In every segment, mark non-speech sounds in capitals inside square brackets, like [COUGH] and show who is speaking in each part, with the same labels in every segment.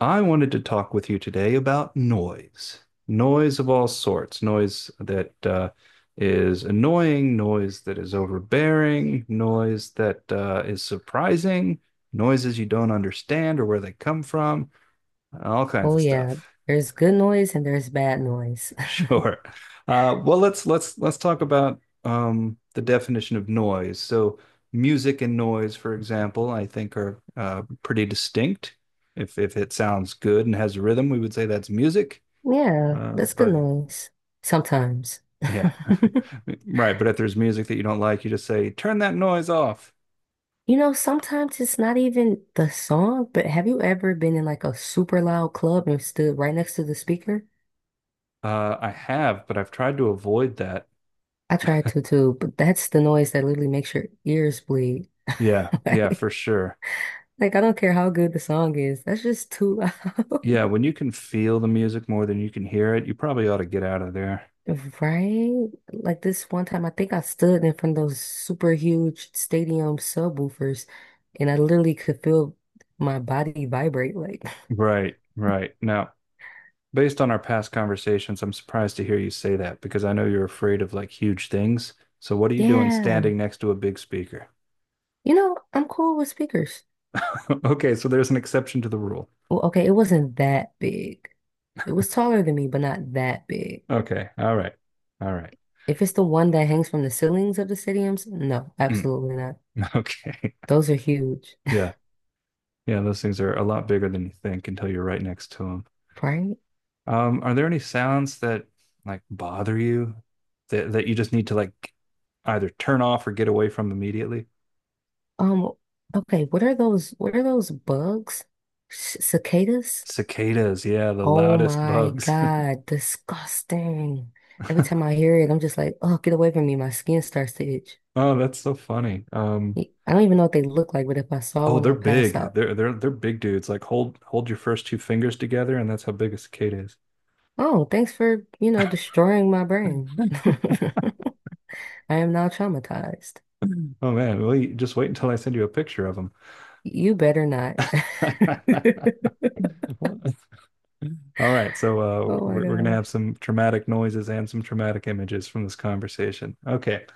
Speaker 1: I wanted to talk with you today about noise, noise of all sorts, noise that is annoying, noise that is overbearing, noise that is surprising, noises you don't understand or where they come from, all kinds
Speaker 2: Oh
Speaker 1: of
Speaker 2: yeah,
Speaker 1: stuff. [LAUGHS]
Speaker 2: there's good noise and there's bad noise. [LAUGHS]
Speaker 1: Sure. Well, let's talk about the definition of noise. So, music and noise, for example, I think are pretty distinct. If it sounds good and has rhythm, we would say that's music.
Speaker 2: Yeah,
Speaker 1: Uh,
Speaker 2: that's good
Speaker 1: but
Speaker 2: noise. Sometimes.
Speaker 1: yeah,
Speaker 2: [LAUGHS]
Speaker 1: [LAUGHS] right. But if there's music that you don't like, you just say, turn that noise off.
Speaker 2: You know, sometimes it's not even the song, but have you ever been in like a super loud club and stood right next to the speaker?
Speaker 1: I have, but I've tried to avoid that.
Speaker 2: I tried to too, but that's the noise that literally makes your ears bleed. [LAUGHS]
Speaker 1: Yeah, yeah,
Speaker 2: Like,
Speaker 1: for sure.
Speaker 2: like, I don't care how good the song is, that's just too loud.
Speaker 1: Yeah,
Speaker 2: [LAUGHS]
Speaker 1: when you can feel the music more than you can hear it, you probably ought to get out of there.
Speaker 2: Right? Like this one time, I think I stood in front of those super huge stadium subwoofers and I literally could feel my body vibrate. Like, [LAUGHS]
Speaker 1: Right, right. Now, based on our past conversations, I'm surprised to hear you say that because I know you're afraid of like huge things. So, what are you doing
Speaker 2: yeah,
Speaker 1: standing next to a big speaker?
Speaker 2: you know, I'm cool with speakers.
Speaker 1: [LAUGHS] Okay, so there's an exception to the rule.
Speaker 2: Well, okay, it wasn't that big. It was taller than me, but not that big.
Speaker 1: Okay, all right, all right.
Speaker 2: If it's the one that hangs from the ceilings of the stadiums, no,
Speaker 1: Mm,
Speaker 2: absolutely not.
Speaker 1: [LAUGHS] okay,
Speaker 2: Those are huge,
Speaker 1: yeah. Yeah, those things are a lot bigger than you think until you're right next to them.
Speaker 2: [LAUGHS] right?
Speaker 1: Are there any sounds that like bother you that you just need to like either turn off or get away from immediately?
Speaker 2: Um, okay, what are those? What are those bugs? Cicadas?
Speaker 1: Cicadas, yeah, the
Speaker 2: Oh
Speaker 1: loudest
Speaker 2: my
Speaker 1: bugs.
Speaker 2: God, disgusting. Every time
Speaker 1: [LAUGHS]
Speaker 2: I hear it, I'm just like, oh, get away from me. My skin starts to itch.
Speaker 1: Oh, that's so funny.
Speaker 2: I don't even know what they look like, but if I saw
Speaker 1: Oh,
Speaker 2: one,
Speaker 1: they're
Speaker 2: I'll pass
Speaker 1: big.
Speaker 2: out.
Speaker 1: They're big dudes. Like hold your first two fingers together, and that's how big a cicada is. [CLEARS THROAT]
Speaker 2: Oh, thanks for destroying my brain. [LAUGHS] I am now traumatized.
Speaker 1: [LAUGHS] Oh man, well, you, just wait until I send you a picture of
Speaker 2: You better not.
Speaker 1: them.
Speaker 2: [LAUGHS]
Speaker 1: [LAUGHS] All right, so
Speaker 2: Oh my
Speaker 1: we're gonna
Speaker 2: gosh.
Speaker 1: have some traumatic noises and some traumatic images from this conversation. Okay,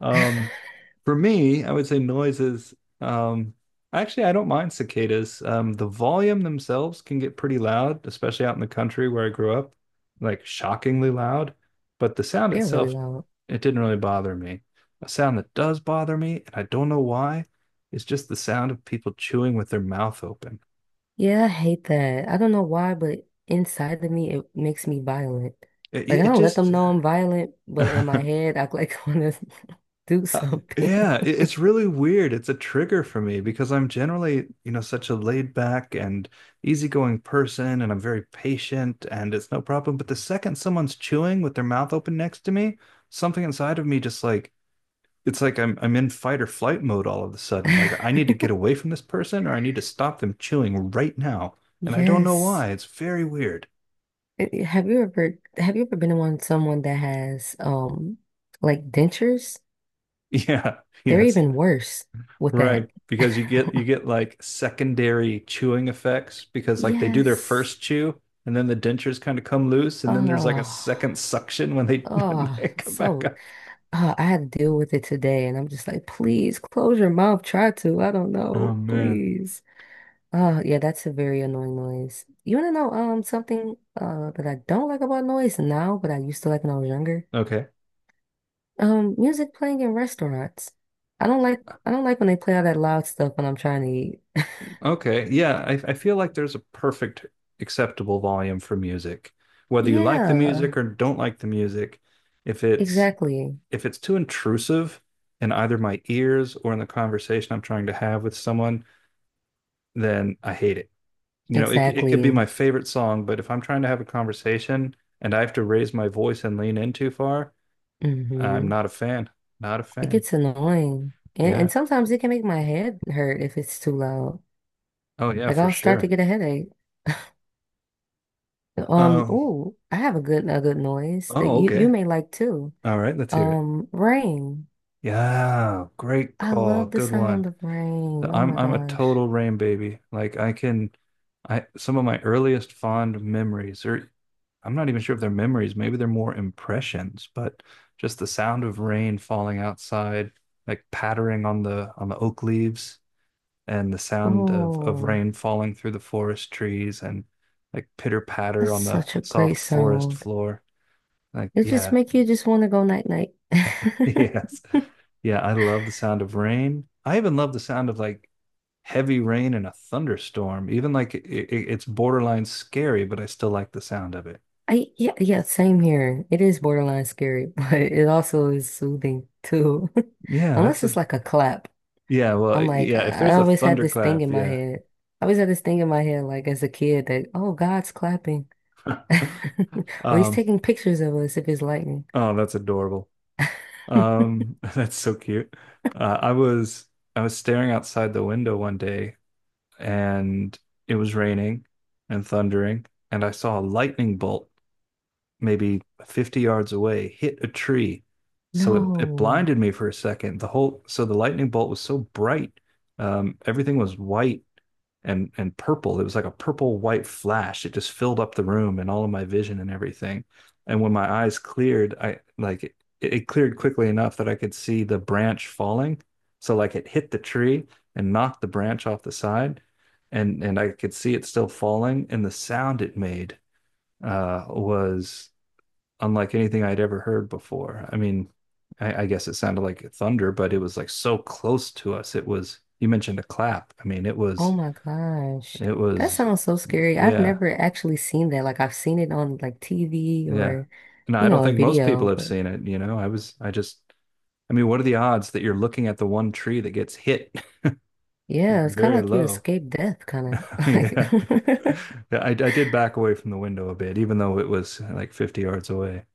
Speaker 1: um,
Speaker 2: [LAUGHS]
Speaker 1: for me, I would say noises. Um, actually, I don't mind cicadas. The volume themselves can get pretty loud, especially out in the country where I grew up, like shockingly loud. But the sound
Speaker 2: They're really
Speaker 1: itself,
Speaker 2: loud.
Speaker 1: it didn't really bother me. A sound that does bother me, and I don't know why, is just the sound of people chewing with their mouth open.
Speaker 2: Yeah, I hate that. I don't know why, but inside of me, it makes me violent.
Speaker 1: It,
Speaker 2: Like, I
Speaker 1: it
Speaker 2: don't let
Speaker 1: just
Speaker 2: them know I'm violent, but in my
Speaker 1: [LAUGHS]
Speaker 2: head, I like [LAUGHS] want to do
Speaker 1: Uh,
Speaker 2: something.
Speaker 1: yeah, it, it's really weird. It's a trigger for me because I'm generally, you know, such a laid back and easygoing person, and I'm very patient, and it's no problem. But the second someone's chewing with their mouth open next to me, something inside of me just like it's like I'm in fight or flight mode all of a sudden. Like I need to
Speaker 2: [LAUGHS]
Speaker 1: get away from this person, or I need to stop them chewing right now, and I don't know
Speaker 2: Yes.
Speaker 1: why. It's very weird. [LAUGHS]
Speaker 2: Have you ever been around someone that has like dentures?
Speaker 1: Yeah.
Speaker 2: They're
Speaker 1: Yes.
Speaker 2: even worse with
Speaker 1: Right,
Speaker 2: that.
Speaker 1: because you get you
Speaker 2: [LAUGHS]
Speaker 1: get like secondary chewing effects because like they do their
Speaker 2: Yes.
Speaker 1: first chew and then the dentures kind of come loose and then there's like a second
Speaker 2: Oh,
Speaker 1: suction when they [LAUGHS] when
Speaker 2: oh,
Speaker 1: they come back
Speaker 2: so.
Speaker 1: up.
Speaker 2: Oh, I had to deal with it today, and I'm just like, please close your mouth. Try to. I don't
Speaker 1: Oh
Speaker 2: know.
Speaker 1: man.
Speaker 2: Please. Oh, yeah, that's a very annoying noise. You want to know something that I don't like about noise now, but I used to like when I was younger?
Speaker 1: Okay.
Speaker 2: Music playing in restaurants. I don't like I don't like when they play all that loud stuff when I'm trying to eat.
Speaker 1: Okay. Yeah, I feel like there's a perfect acceptable volume for music. Whether you like the music
Speaker 2: Yeah,
Speaker 1: or don't like the music, if it's
Speaker 2: exactly.
Speaker 1: if it's too intrusive in either my ears or in the conversation I'm trying to have with someone, then I hate it. You know, it could be
Speaker 2: Exactly.
Speaker 1: my favorite song, but if I'm trying to have a conversation and I have to raise my voice and lean in too far, I'm
Speaker 2: Mm-hmm.
Speaker 1: not a fan. Not a
Speaker 2: It
Speaker 1: fan.
Speaker 2: gets annoying. And,
Speaker 1: Yeah.
Speaker 2: and sometimes it can make my head hurt if it's too loud.
Speaker 1: Oh yeah,
Speaker 2: Like
Speaker 1: for
Speaker 2: I'll start to
Speaker 1: sure.
Speaker 2: get a headache.
Speaker 1: Um,
Speaker 2: Oh, I have a good noise that
Speaker 1: oh,
Speaker 2: you
Speaker 1: okay.
Speaker 2: may like too.
Speaker 1: All right, let's hear it.
Speaker 2: Rain.
Speaker 1: Yeah, great
Speaker 2: I
Speaker 1: call.
Speaker 2: love the
Speaker 1: Good one.
Speaker 2: sound of
Speaker 1: So
Speaker 2: rain. Oh
Speaker 1: I'm
Speaker 2: my
Speaker 1: I'm a
Speaker 2: gosh.
Speaker 1: total rain baby. Like I can, I some of my earliest fond memories, or I'm not even sure if they're memories, maybe they're more impressions, but just the sound of rain falling outside, like pattering on the oak leaves, and the sound of
Speaker 2: Oh,
Speaker 1: rain falling through the forest trees, and like pitter patter
Speaker 2: that's
Speaker 1: on the
Speaker 2: such a great
Speaker 1: soft forest
Speaker 2: sound.
Speaker 1: floor. Like
Speaker 2: It just
Speaker 1: yeah,
Speaker 2: make you just want to go night night.
Speaker 1: [LAUGHS] Yes.
Speaker 2: [LAUGHS]
Speaker 1: Yeah, I love the sound of rain. I even love the sound of like heavy rain in a thunderstorm. Even like it, it's borderline scary, but I still like the sound of it.
Speaker 2: I Yeah, yeah, same here. It is borderline scary, [LAUGHS] but it also is soothing too. [LAUGHS]
Speaker 1: Yeah,
Speaker 2: Unless
Speaker 1: that's
Speaker 2: it's
Speaker 1: a
Speaker 2: like a clap.
Speaker 1: yeah, well,
Speaker 2: I'm like,
Speaker 1: yeah, if
Speaker 2: I
Speaker 1: there's a
Speaker 2: always had this thing
Speaker 1: thunderclap,
Speaker 2: in my
Speaker 1: yeah.
Speaker 2: head. I always had this thing in my head, like as a kid, that, oh, God's clapping. [LAUGHS]
Speaker 1: [LAUGHS]
Speaker 2: Or he's
Speaker 1: Um,
Speaker 2: taking pictures of us if it's lightning.
Speaker 1: oh,
Speaker 2: [LAUGHS]
Speaker 1: that's adorable. [LAUGHS] That's so cute. Uh, I was I was staring outside the window one day and it was raining and thundering and I saw a lightning bolt maybe 50 yards away, hit a tree. So it
Speaker 2: No.
Speaker 1: blinded me for a second. The whole so the lightning bolt was so bright. Everything was white and purple. It was like a purple white flash. It just filled up the room and all of my vision and everything. And when my eyes cleared, I like it cleared quickly enough that I could see the branch falling. So like it hit the tree and knocked the branch off the side, and I could see it still falling. And the sound it made was unlike anything I'd ever heard before. I mean, I guess it sounded like thunder, but it was like so close to us. It was, you mentioned a clap. I mean,
Speaker 2: Oh my gosh.
Speaker 1: it
Speaker 2: That
Speaker 1: was,
Speaker 2: sounds so scary. I've
Speaker 1: yeah,
Speaker 2: never actually seen that. Like I've seen it on like TV
Speaker 1: yeah.
Speaker 2: or,
Speaker 1: No, I
Speaker 2: you
Speaker 1: don't
Speaker 2: know, a
Speaker 1: think most people
Speaker 2: video,
Speaker 1: have
Speaker 2: but
Speaker 1: seen it, you know. I was, I just, I mean, what are the odds that you're looking at the one tree that gets hit? [LAUGHS]
Speaker 2: yeah, it's kind of
Speaker 1: Very
Speaker 2: like you
Speaker 1: low.
Speaker 2: escape death, kind
Speaker 1: [LAUGHS]
Speaker 2: of [LAUGHS]
Speaker 1: Yeah.
Speaker 2: like. [LAUGHS]
Speaker 1: Yeah, I did back away from the window a bit, even though it was like 50 yards away. It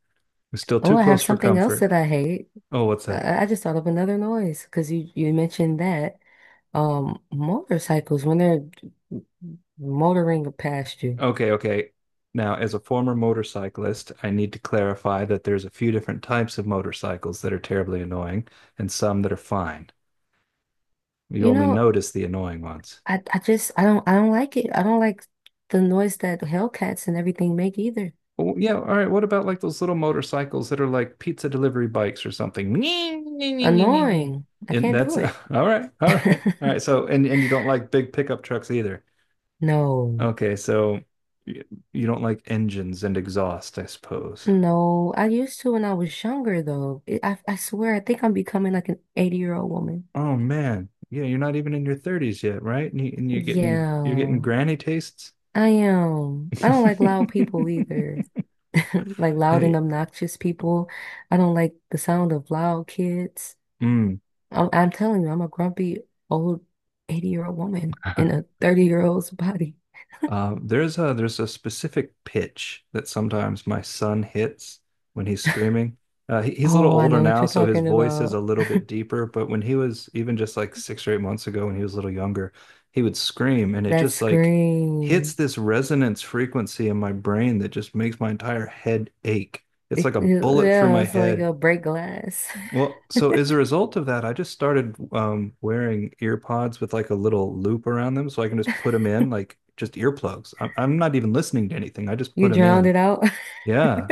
Speaker 1: was still
Speaker 2: Oh,
Speaker 1: too
Speaker 2: I have
Speaker 1: close for
Speaker 2: something else that
Speaker 1: comfort.
Speaker 2: I hate.
Speaker 1: Oh, what's that?
Speaker 2: I just thought of another noise because you mentioned that motorcycles when they're motoring past you.
Speaker 1: Okay, okay. Now, as a former motorcyclist, I need to clarify that there's a few different types of motorcycles that are terribly annoying and some that are fine. You
Speaker 2: You
Speaker 1: only
Speaker 2: know,
Speaker 1: notice the annoying ones.
Speaker 2: I just I don't like it. I don't like the noise that Hellcats and everything make either.
Speaker 1: Oh, yeah, all right. What about like those little motorcycles that are like pizza delivery bikes or something? [LAUGHS]
Speaker 2: Annoying. I
Speaker 1: And
Speaker 2: can't
Speaker 1: that's [LAUGHS]
Speaker 2: do
Speaker 1: all
Speaker 2: it.
Speaker 1: right, all right,
Speaker 2: [LAUGHS]
Speaker 1: all right. So, and you don't like big pickup trucks either.
Speaker 2: No.
Speaker 1: Okay, so y- you don't like engines and exhaust, I suppose.
Speaker 2: No, I used to when I was younger though. It, I swear I think I'm becoming like an 80-year-old woman.
Speaker 1: Oh man, yeah, you're not even in your 30s yet, right? And, you, and you're getting
Speaker 2: Yeah,
Speaker 1: granny tastes.
Speaker 2: I am. I don't like loud people
Speaker 1: [LAUGHS]
Speaker 2: either. [LAUGHS] Like loud and
Speaker 1: Hey,
Speaker 2: obnoxious people. I don't like the sound of loud kids.
Speaker 1: mm.
Speaker 2: I'm telling you, I'm a grumpy old 80-year-old woman in
Speaker 1: [LAUGHS]
Speaker 2: a 30-year-old's body.
Speaker 1: There's a specific pitch that sometimes my son hits when he's screaming. He, he's a little
Speaker 2: Oh, I
Speaker 1: older
Speaker 2: know what
Speaker 1: now,
Speaker 2: you're
Speaker 1: so his
Speaker 2: talking
Speaker 1: voice is a
Speaker 2: about.
Speaker 1: little bit deeper. But when he was even just like 6 or 8 months ago, when he was a little younger, he would scream, and it
Speaker 2: That
Speaker 1: just like hits
Speaker 2: scream.
Speaker 1: this resonance frequency in my brain that just makes my entire head ache. It's like a bullet through
Speaker 2: Yeah,
Speaker 1: my
Speaker 2: it's like
Speaker 1: head
Speaker 2: a break glass. [LAUGHS]
Speaker 1: well, so as a result of that, I just started wearing ear pods with like a little loop around them so I can just put them in, like just earplugs. I'm not even listening to anything. I just put
Speaker 2: You
Speaker 1: them
Speaker 2: drowned
Speaker 1: in.
Speaker 2: it out.
Speaker 1: Yeah.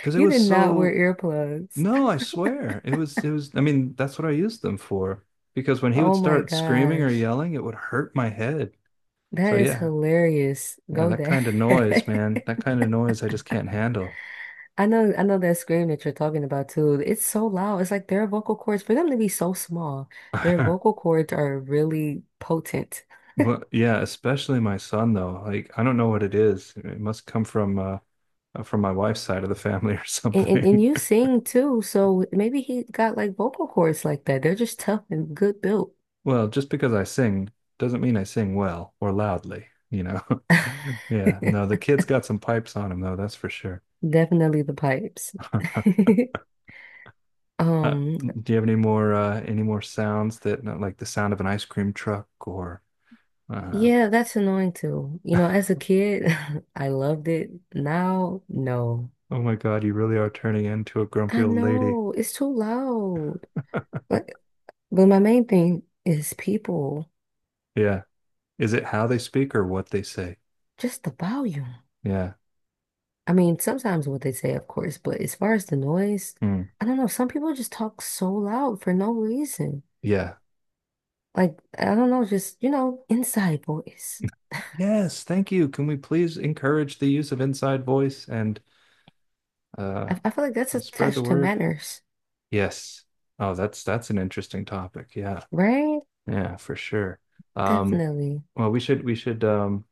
Speaker 1: Because it
Speaker 2: You
Speaker 1: was
Speaker 2: did not wear
Speaker 1: so,
Speaker 2: earplugs.
Speaker 1: no, I swear. It was, I mean, that's what I used them for. Because when he would
Speaker 2: Oh my
Speaker 1: start screaming or
Speaker 2: gosh.
Speaker 1: yelling, it would hurt my head. So
Speaker 2: That is
Speaker 1: yeah,
Speaker 2: hilarious.
Speaker 1: yeah,
Speaker 2: Go
Speaker 1: that
Speaker 2: there.
Speaker 1: kind of noise, man,
Speaker 2: [LAUGHS]
Speaker 1: that kind of noise I just can't handle.
Speaker 2: I know that scream that you're talking about too. It's so loud. It's like their vocal cords, for them to be so small, their vocal
Speaker 1: [LAUGHS]
Speaker 2: cords are really potent.
Speaker 1: Well, yeah, especially my son though. Like, I don't know what it is. It must come from my wife's side of the family or
Speaker 2: And
Speaker 1: something.
Speaker 2: you
Speaker 1: [LAUGHS]
Speaker 2: sing too, so maybe he got like vocal cords like that. They're just tough and good built.
Speaker 1: Well, just because I sing doesn't mean I sing well or loudly, you know. [LAUGHS] Yeah, no, the
Speaker 2: [LAUGHS]
Speaker 1: kid's got some pipes on him though, that's for sure. [LAUGHS]
Speaker 2: Definitely the pipes. [LAUGHS]
Speaker 1: Uh,
Speaker 2: Um,
Speaker 1: do you have any more sounds that not like the sound of an ice cream truck or uh,
Speaker 2: yeah, that's annoying too. You know,
Speaker 1: [LAUGHS]
Speaker 2: as a kid, [LAUGHS] I loved it. Now, no.
Speaker 1: oh my God, you really are turning into a grumpy
Speaker 2: I
Speaker 1: old lady.
Speaker 2: know it's too loud. But but my main thing is people,
Speaker 1: Yeah. Is it how they speak or what they say?
Speaker 2: just the volume.
Speaker 1: Yeah.
Speaker 2: I mean, sometimes what they say, of course, but as far as the noise,
Speaker 1: Mm.
Speaker 2: I don't know. Some people just talk so loud for no reason.
Speaker 1: Yeah.
Speaker 2: Like, I don't know, just, you know, inside voice.
Speaker 1: [LAUGHS] Yes, thank you. Can we please encourage the use of inside voice uh
Speaker 2: I feel like that's
Speaker 1: and spread the
Speaker 2: attached to
Speaker 1: word.
Speaker 2: manners,
Speaker 1: Yes. Oh, that's an interesting topic. Yeah.
Speaker 2: right?
Speaker 1: Yeah, for sure. Um,
Speaker 2: Definitely.
Speaker 1: well, we should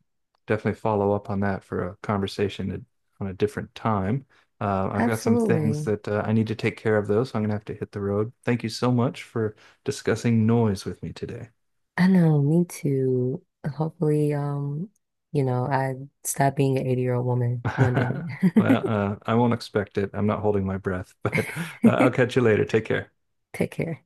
Speaker 1: definitely follow up on that for a conversation at- on a different time. I've got some things
Speaker 2: Absolutely.
Speaker 1: that I need to take care of though, so I'm gonna have to hit the road. Thank you so much for discussing noise with me today.
Speaker 2: I know, me too. Hopefully, you know, I stop being an 80-year-old woman one day.
Speaker 1: [LAUGHS] Well, I won't expect it. I'm not holding my breath, [LAUGHS] but I'll catch
Speaker 2: [LAUGHS]
Speaker 1: you later. Take care.
Speaker 2: Take care.